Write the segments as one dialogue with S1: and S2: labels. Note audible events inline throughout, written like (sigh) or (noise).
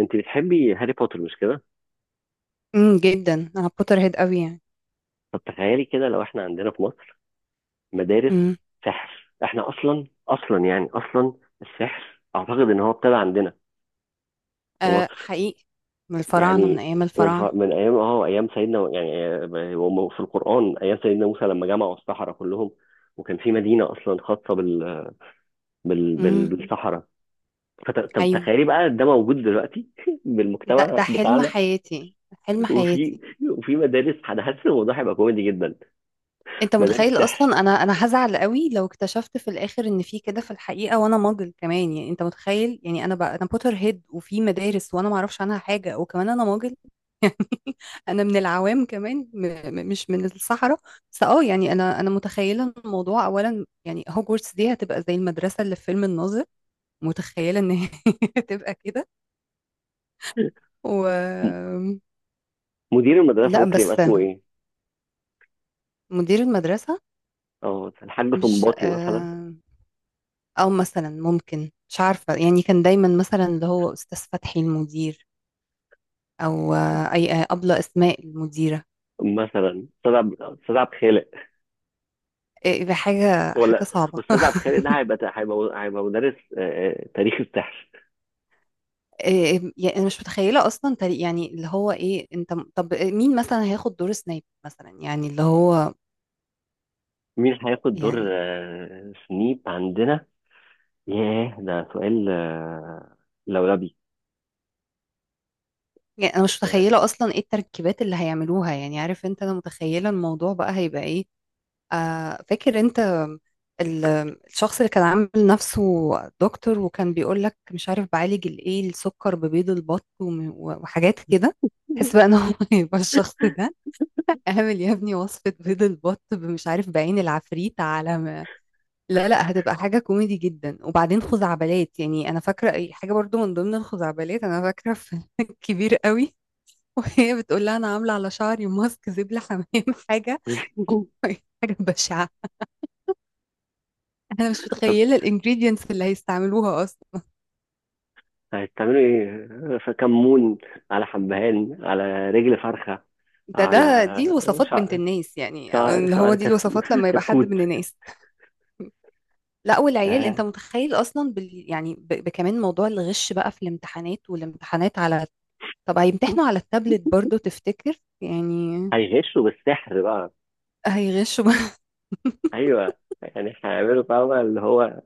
S1: انت بتحبي هاري بوتر مش كده؟
S2: جدا انا بوتر هيد قوي يعني.
S1: طب تخيلي كده لو احنا عندنا في مصر مدارس
S2: امم.
S1: سحر. احنا اصلا يعني اصلا السحر اعتقد ان هو ابتدى عندنا في
S2: آه،
S1: مصر.
S2: حقيقي. من الفراعنه، من
S1: يعني
S2: ايام الفراعنه.
S1: من ايام ايام سيدنا، يعني هم في القرآن ايام سيدنا موسى لما جمعوا السحرة كلهم، وكان في مدينة اصلا خاصة
S2: امم.
S1: بالسحرة. طب
S2: ايوه.
S1: تخيلي بقى ده موجود دلوقتي (laughs)
S2: ده
S1: بالمجتمع
S2: ده حلم
S1: بتاعنا.
S2: حياتي. حلم
S1: وفي
S2: حياتي.
S1: وفي مدارس، انا حاسس الموضوع هيبقى كوميدي جدا.
S2: انت
S1: مدارس
S2: متخيل
S1: سحر.
S2: اصلا، انا هزعل قوي لو اكتشفت في الاخر ان في كده في الحقيقه وانا ماجل كمان، يعني انت متخيل، يعني انا بقى انا بوتر هيد وفي مدارس وانا ما اعرفش عنها حاجه وكمان انا ماجل. (laughs) انا من العوام كمان، م م مش من الصحراء. بس يعني انا متخيله الموضوع اولا، يعني هوجورتس دي هتبقى زي المدرسه اللي في فيلم الناظر. متخيلة إن هي (laughs) تبقى كده.
S1: (laughs)
S2: و
S1: مدير المدرسة
S2: لأ،
S1: ممكن يبقى
S2: بس
S1: اسمه ايه؟
S2: مدير المدرسة،
S1: اه الحاج
S2: مش
S1: صنباطي مثلا.
S2: آه، أو مثلا ممكن، مش عارفة، يعني كان دايما مثلا اللي هو أستاذ فتحي المدير، أو آه، أي آه، أبلة أسماء المديرة.
S1: مثلا استاذ عبد خالق.
S2: إيه ده، حاجة حاجة
S1: ولا
S2: صعبة.
S1: استاذ عبد خالق ده هيبقى مدرس تاريخ السحر.
S2: (laughs) إيه؟ يعني أنا مش متخيلة أصلا يعني اللي هو إيه، أنت طب مين مثلا هياخد دور سنايب مثلا يعني اللي هو.
S1: مين هياخد دور
S2: يعني
S1: سنيب عندنا؟ ياه ده سؤال لولبي.
S2: يعني انا مش
S1: آه.
S2: متخيله اصلا ايه التركيبات اللي هيعملوها، يعني عارف انت، انا متخيله الموضوع بقى هيبقى ايه. فاكر انت ال- الشخص اللي كان عامل نفسه دكتور وكان بيقول لك مش عارف بعالج الايه السكر ببيض البط وم- وحاجات كده. تحس بقى ان هو (laughs) يبقى الشخص ده، اعمل يا ابني وصفة بيض البط مش عارف بعين العفريت على ما. لا لا، هتبقى حاجة كوميدي جدا، وبعدين خزعبلات، يعني انا فاكرة اي حاجة برضو. من ضمن الخزعبلات انا فاكرة في (laughs) كبير قوي وهي بتقول لها انا عاملة على شعري ماسك زبلة حمام. حاجة
S1: (laughs)
S2: (laughs) حاجة بشعة. انا مش
S1: طب
S2: متخيله الانجريدينتس اللي هيستعملوها اصلا.
S1: هتعملوا ايه؟ فكمون، على حبهان، على رجل فرخة،
S2: ده
S1: على
S2: ده دي الوصفات بنت
S1: شعر
S2: الناس، يعني اللي هو
S1: شعر
S2: دي الوصفات لما يبقى حد
S1: كتكوت.
S2: من الناس. لا والعيال، انت
S1: آه.
S2: متخيل اصلا بال، يعني بكمان موضوع الغش بقى في الامتحانات والامتحانات على. طب هيمتحنوا على التابلت برضو تفتكر، يعني
S1: هيغشوا بالسحر بقى.
S2: هيغشوا بقى.
S1: ايوه، يعني هيعملوا فاهمة اللي هو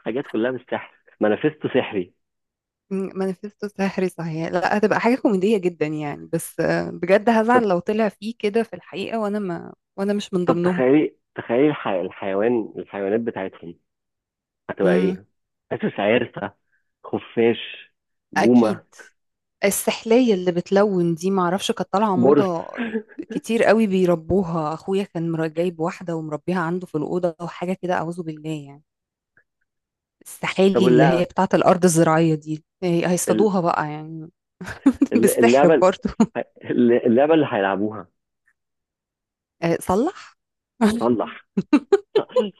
S1: حاجات كلها بالسحر، مانيفستو سحري.
S2: (laughs) مانيفستو سحري، صحيح، لا هتبقى حاجه كوميديه جدا يعني، بس بجد
S1: طب
S2: هزعل لو طلع فيه كده في الحقيقه وانا مش من
S1: طب
S2: ضمنهم.
S1: تخيلي تخيلي الحيوانات بتاعتهم هتبقى
S2: امم.
S1: ايه؟ حاسس عرسة، خفاش، بومة،
S2: اكيد. السحلية اللي بتلون دي، معرفش كانت طالعة
S1: برص.
S2: موضة.
S1: (laughs)
S2: كتير قوي بيربوها، اخويا كان جايب واحدة ومربيها عنده في الأوضة وحاجة كده، أعوذ بالله يعني.
S1: طب
S2: السحالي اللي هي
S1: اللعبة،
S2: بتاعة الأرض الزراعية دي،
S1: ال-
S2: هيصطادوها بقى يعني. (laughs) بالسحر
S1: اللعبة،
S2: برضو.
S1: اللعبة اللي هيلعبوها.
S2: صلح. (laughs)
S1: صلح،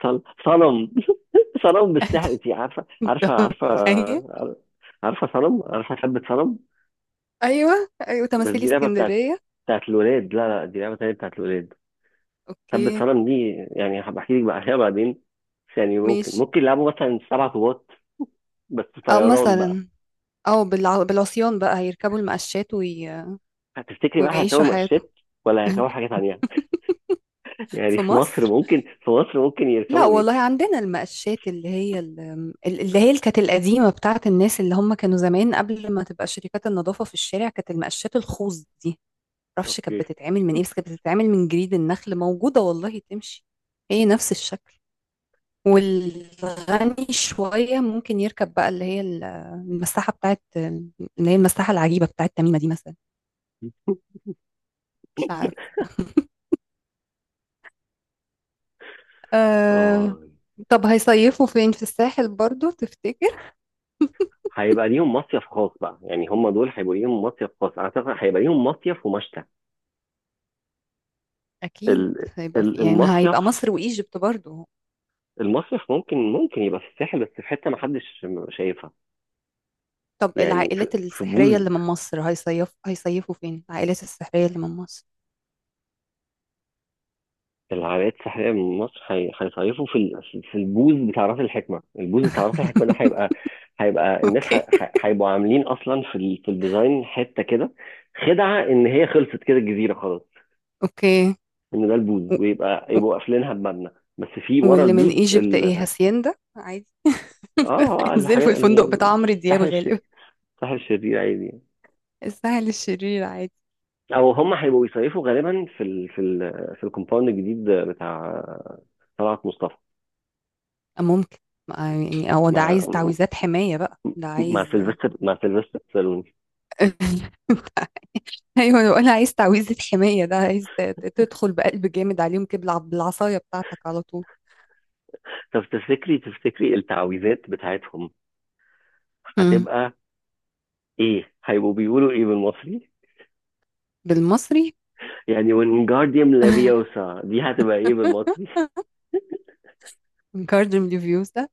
S1: صنم. (laughs) صنم بالسحر،
S2: انت
S1: انت عارفة؟
S2: متخيل.
S1: عارفة صنم؟ عارفة ثبت صنم؟
S2: ايوه ايوه،
S1: بس
S2: تماثيل
S1: دي لعبة
S2: اسكندرية.
S1: بتاعت الولاد. لا لا، دي لعبة تانية بتاعت الولاد. ثبت
S2: اوكي.
S1: صنم دي يعني هبحكي لك بقى عليها بعدين. بس يعني ممكن
S2: ماشي.
S1: ممكن يلعبوا مثلا سبع طوبات، بس
S2: او
S1: طيران بقى.
S2: مثلا، او بالعصيان بقى هيركبوا المقشات
S1: هتفتكري بقى هيركبوا
S2: ويعيشوا حياتهم.
S1: مقشات ولا هيركبوا
S2: (laughs)
S1: حاجة تانية؟ (laughs) يعني
S2: في
S1: في مصر
S2: مصر،
S1: ممكن، في مصر ممكن
S2: لا
S1: يركبوا
S2: والله،
S1: ايه؟
S2: عندنا المقشات اللي هي اللي هي اللي كانت القديمة بتاعت الناس اللي هم كانوا زمان قبل ما تبقى شركات النظافة في الشارع، كانت المقشات الخوص دي. معرفش كانت
S1: اوكي.
S2: بتتعمل من ايه، بس كانت بتتعمل من جريد النخل. موجودة والله تمشي، هي نفس الشكل. والغني شوية ممكن يركب بقى اللي هي المساحة بتاعت اللي هي المساحة العجيبة بتاعت تميمة دي مثلا.
S1: (laughs)
S2: مش عارف. أه.
S1: اه
S2: طب هيصيفوا فين، في الساحل برضو تفتكر؟
S1: هيبقى ليهم مصيف خاص بقى، يعني هم دول هيبقوا ليهم مصيف خاص، اعتقد هيبقى ليهم مصيف ومشتى.
S2: أكيد
S1: ال...
S2: هيبقى في، يعني
S1: المصيف،
S2: هيبقى مصر وإيجيبت برضه.
S1: المصيف ممكن ممكن يبقى في الساحل بس في حتة ما حدش شايفها.
S2: طب
S1: يعني في
S2: العائلات
S1: في
S2: السحرية
S1: بوز
S2: اللي من مصر هيصيف، هيصيفوا فين؟ العائلات السحرية اللي من مصر.
S1: العمليات السحريه من مصر هيصيفوا في في البوز بتاع راس الحكمه. البوز بتاع راس الحكمه ده
S2: (laughs)
S1: هيبقى، هيبقى الناس
S2: أوكي.
S1: هيبقوا عاملين اصلا في في الديزاين حته كده خدعه ان هي خلصت كده الجزيره خلاص،
S2: أوكي.
S1: ان ده
S2: و-
S1: البوز، ويبقى
S2: و-
S1: يبقوا قافلينها بمبنى. بس في ورا
S2: واللي من
S1: البوز
S2: إيجيبت إيه،
S1: ال...
S2: هاسيندا عادي؟ (laughs)
S1: اه
S2: انزلوا في
S1: الحاجات
S2: الفندق بتاع عمرو دياب
S1: الساحر
S2: غالبا.
S1: الساحر الشرير عادي يعني.
S2: السهل الشرير عادي.
S1: او هم هيبقوا بيصيفوا غالبا في في الكومباوند الجديد بتاع طلعت مصطفى.
S2: أه، ممكن. ما- يعني هو ده
S1: ما
S2: عايز تعويذات حماية بقى، ده
S1: مع
S2: عايز. (laughs)
S1: سيلفستر، مع سيلفستر سالون.
S2: ايوه، انا بقول عايز تعويذة حماية، ده عايز تدخل بقلب جامد عليهم كده بالعصاية بتاعتك على طول.
S1: طب تفتكري تفتكري التعويذات بتاعتهم هتبقى ايه؟ هيبقوا بيقولوا ايه بالمصري؟
S2: بالمصري.
S1: يعني وينجارديوم لافيوسا دي هتبقى ايه بالمصري؟
S2: (laughs) من كاردن ريفيوز ده.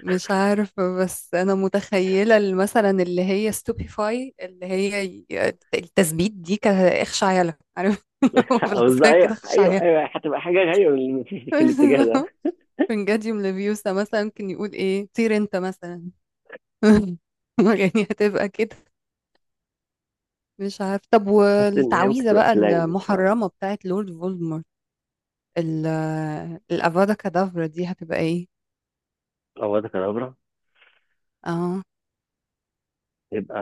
S2: مش عارفة، بس أنا متخيلة مثلا اللي هي ستوبيفاي اللي هي التثبيت دي، كإخش عيالة، عارف،
S1: (laughs) مش
S2: (laughs)
S1: عاوز-
S2: بالعصاية كده
S1: ايوه
S2: إخش
S1: ايوه
S2: عيالة.
S1: ايوه، هتبقى حاجه، ايوه، في الاتجاه ده،
S2: فنجاديوم ليفيوسا (laughs) مثلا ممكن يقول إيه، طير أنت مثلا. (laughs) يعني هتبقى كده. مش عارف. طب
S1: بس ان هي ممكن
S2: والتعويذة
S1: تبقى
S2: بقى
S1: سلانج شويه.
S2: المحرمة بتاعت لورد فولدمورت، ال- الأفادا كادافرا دي هتبقى إيه؟
S1: او ده كدابرا،
S2: اه.
S1: يبقى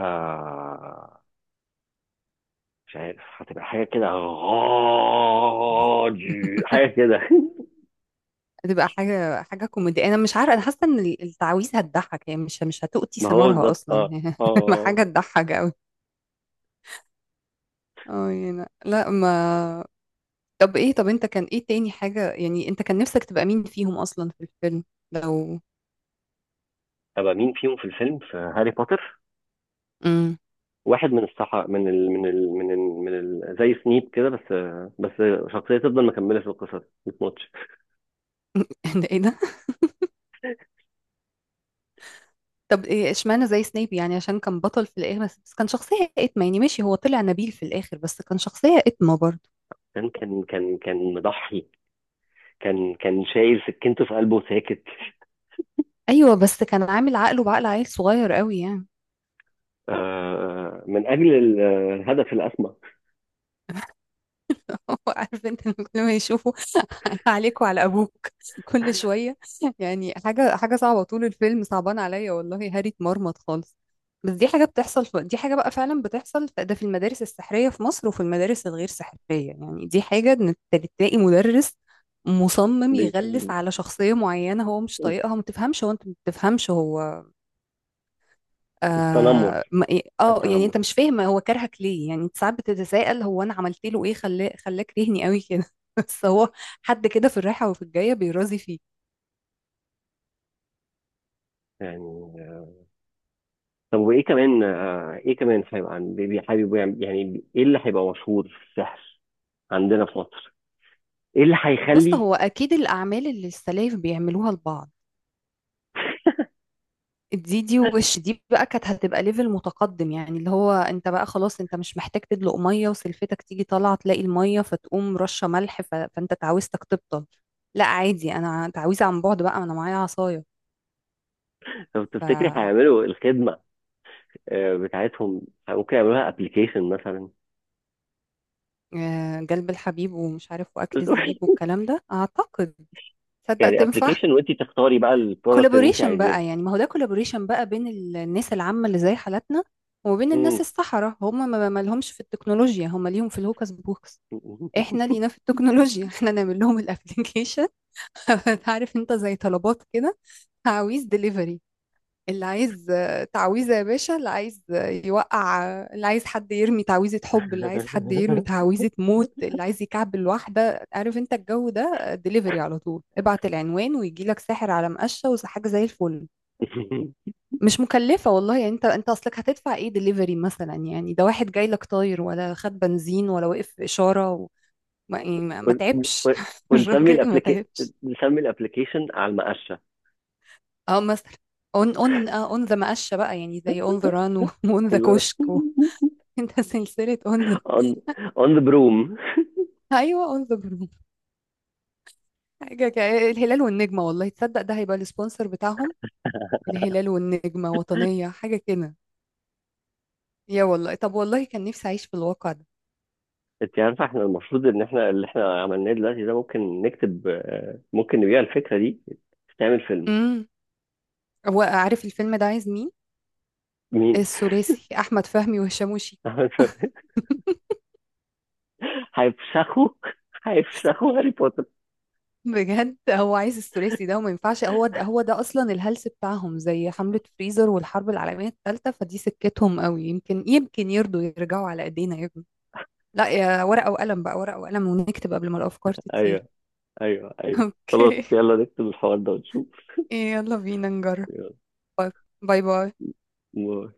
S1: مش عارف، هتبقى حاجه كده غاضي،
S2: (laughs)
S1: حاجه كده. (laughs)
S2: بتبقى حاجة حاجة كوميدية، أنا مش عارفة، أنا حاسة إن التعويذة هتضحك، يعني مش هتؤتي
S1: ما هو
S2: ثمارها
S1: بالظبط.
S2: أصلا.
S1: اه، اه،
S2: (laughs)
S1: آه.
S2: حاجة تضحك أوي. أه، يعني لا ما. طب إيه، طب أنت كان إيه تاني حاجة، يعني أنت كان نفسك تبقى مين فيهم أصلا في الفيلم لو.
S1: ابقى مين فيهم في الفيلم في هاري بوتر؟
S2: امم.
S1: واحد من الصحا زي سنيب كده، بس بس شخصيه تفضل مكمله في القصه، دي ماتش.
S2: (laughs) ده إيه ده؟ طب إيه إشمعنى زي سنيب، يعني عشان كان بطل في الآخر، بس بس كان شخصية إتمة، يعني ماشي هو طلع نبيل في الآخر بس كان شخصية إتمة برضه.
S1: كان مضحي، كان شايل سكينته في قلبه ساكت.
S2: أيوه، بس كان عامل عقله بعقل عيل صغير أوي يعني.
S1: من اجل الهدف الاسمى.
S2: (laughs) عارف انت، لما كل ما يشوفوا. (laughs) عليك وعلى ابوك. (laughs) كل شويه. يعني حاجه حاجه صعبه، طول الفيلم صعبان عليا والله، هاري اتمرمط خالص. بس دي حاجه بتحصل في، دي حاجه بقى فعلا بتحصل، ده في المدارس السحريه في مصر وفي المدارس الغير سحريه، يعني دي حاجه ان تلاقي مدرس مصمم
S1: بي-
S2: يغلس على شخصيه معينه هو مش طايقها، ما تفهمش هو، انت ما تفهمش هو. اه
S1: التنمر،
S2: ما- إيه، آه، يعني
S1: التنمر،
S2: انت مش فاهم هو كرهك ليه، يعني انت ساعات بتتساءل، هو انا عملت له ايه خلاه خلاك كرهني قوي كده. (laughs) بس هو حد كده في الرايحه وفي الجايه بيرازي فيه.
S1: يعني. طب وايه كمان ايه كمان هيبقى حابب يعني ايه اللي هيبقى مشهور في السحر عندنا في مصر؟ ايه اللي
S2: بص،
S1: هيخلي
S2: هو اكيد الاعمال اللي السلايف بيعملوها لبعض دي وش دي بقى كانت هتبقى ليفل متقدم، يعني اللي هو انت بقى خلاص انت مش محتاج تدلق ميه وسلفتك تيجي طالعه تلاقي الميه فتقوم رشه ملح، فانت تعويذتك تبطل. لا عادي، انا تعويذه عن بعد بقى، انا معايا عصايه.
S1: لو
S2: ف
S1: تفتكري هيعملوا الخدمه بتاعتهم؟ ممكن يعملوها ابلكيشن مثلا.
S2: جلب الحبيب ومش عارف واكل الزبيب
S1: (laughs)
S2: والكلام ده، اعتقد تصدق
S1: يعني
S2: تنفع.
S1: ابلكيشن وانت تختاري بقى البرودكت اللي انت
S2: كولابوريشن
S1: عايزاه.
S2: بقى، يعني ما هو ده كولابوريشن بقى بين الناس العامة اللي زي حالاتنا، وبين الناس
S1: مم.
S2: الصحراء. هم ما ما لهمش في التكنولوجيا، هم ليهم في الهوكس بوكس. احنا لينا في التكنولوجيا. (laughs) احنا نعمل لهم الابليكيشن. (laughs) عارف انت، زي طلبات كده، عاوز ديليفري. اللي عايز تعويذة يا باشا، اللي عايز يوقع، اللي عايز حد يرمي تعويذة حب، اللي عايز حد يرمي
S1: (laughs)
S2: تعويذة موت، اللي عايز يكعبل واحدة، عارف انت الجو ده، دليفري على طول، ابعت العنوان ويجي لك ساحر على مقشة وحاجة زي الفل. مش مكلفة والله، يعني انت اصلك هتدفع ايه دليفري مثلا، يعني ده واحد جاي لك طاير، ولا خد بنزين ولا وقف في إشارة و... ما, يعني ما ما
S1: ون-
S2: تعبش.
S1: ون-
S2: (laughs)
S1: ونسمي
S2: الراجل ما
S1: الابلكيشن،
S2: تعبش.
S1: نسمي الابلكيشن على المقشه.
S2: اه مثلا، اون ذا مقشة بقى، يعني زي اون ذا ران واون ذا (laughs) كشك. (laughs) انت سلسلة اون ذا.
S1: on, on the broom.
S2: (laughs) ايوه، اون ذا جروب. حاجة الهلال والنجمة، والله تصدق ده هيبقى السبونسر بتاعهم، الهلال والنجمة وطنية حاجة كده. يا والله، طب والله كان نفسي اعيش في الواقع ده.
S1: انت عارفه احنا المفروض ان احنا اللي عملناه دلوقتي ده ممكن نكتب، ممكن نبيع الفكره دي. تعمل فيلم.
S2: امم. هو عارف الفيلم ده عايز مين؟
S1: مين؟
S2: الثلاثي احمد فهمي وهشام وشيكو.
S1: (laughs) هيفشخوا، هيفشخوا هاري بوتر.
S2: (laughs) بجد هو عايز الثلاثي ده، وما ينفعش، هو ده هو ده اصلا الهلس بتاعهم زي حملة فريزر والحرب العالمية الثالثة، فدي سكتهم قوي، يمكن يمكن يرضوا يرجعوا على ايدينا يا ابني. لا، يا ورقة وقلم بقى، ورقة وقلم ونكتب قبل ما الافكار تطير.
S1: ايوه ايوه ايوه. خلاص
S2: اوكي.
S1: يلا نكتب الحوار ده ونشوف.
S2: يلا بينا نجرب. باي باي.
S1: يلا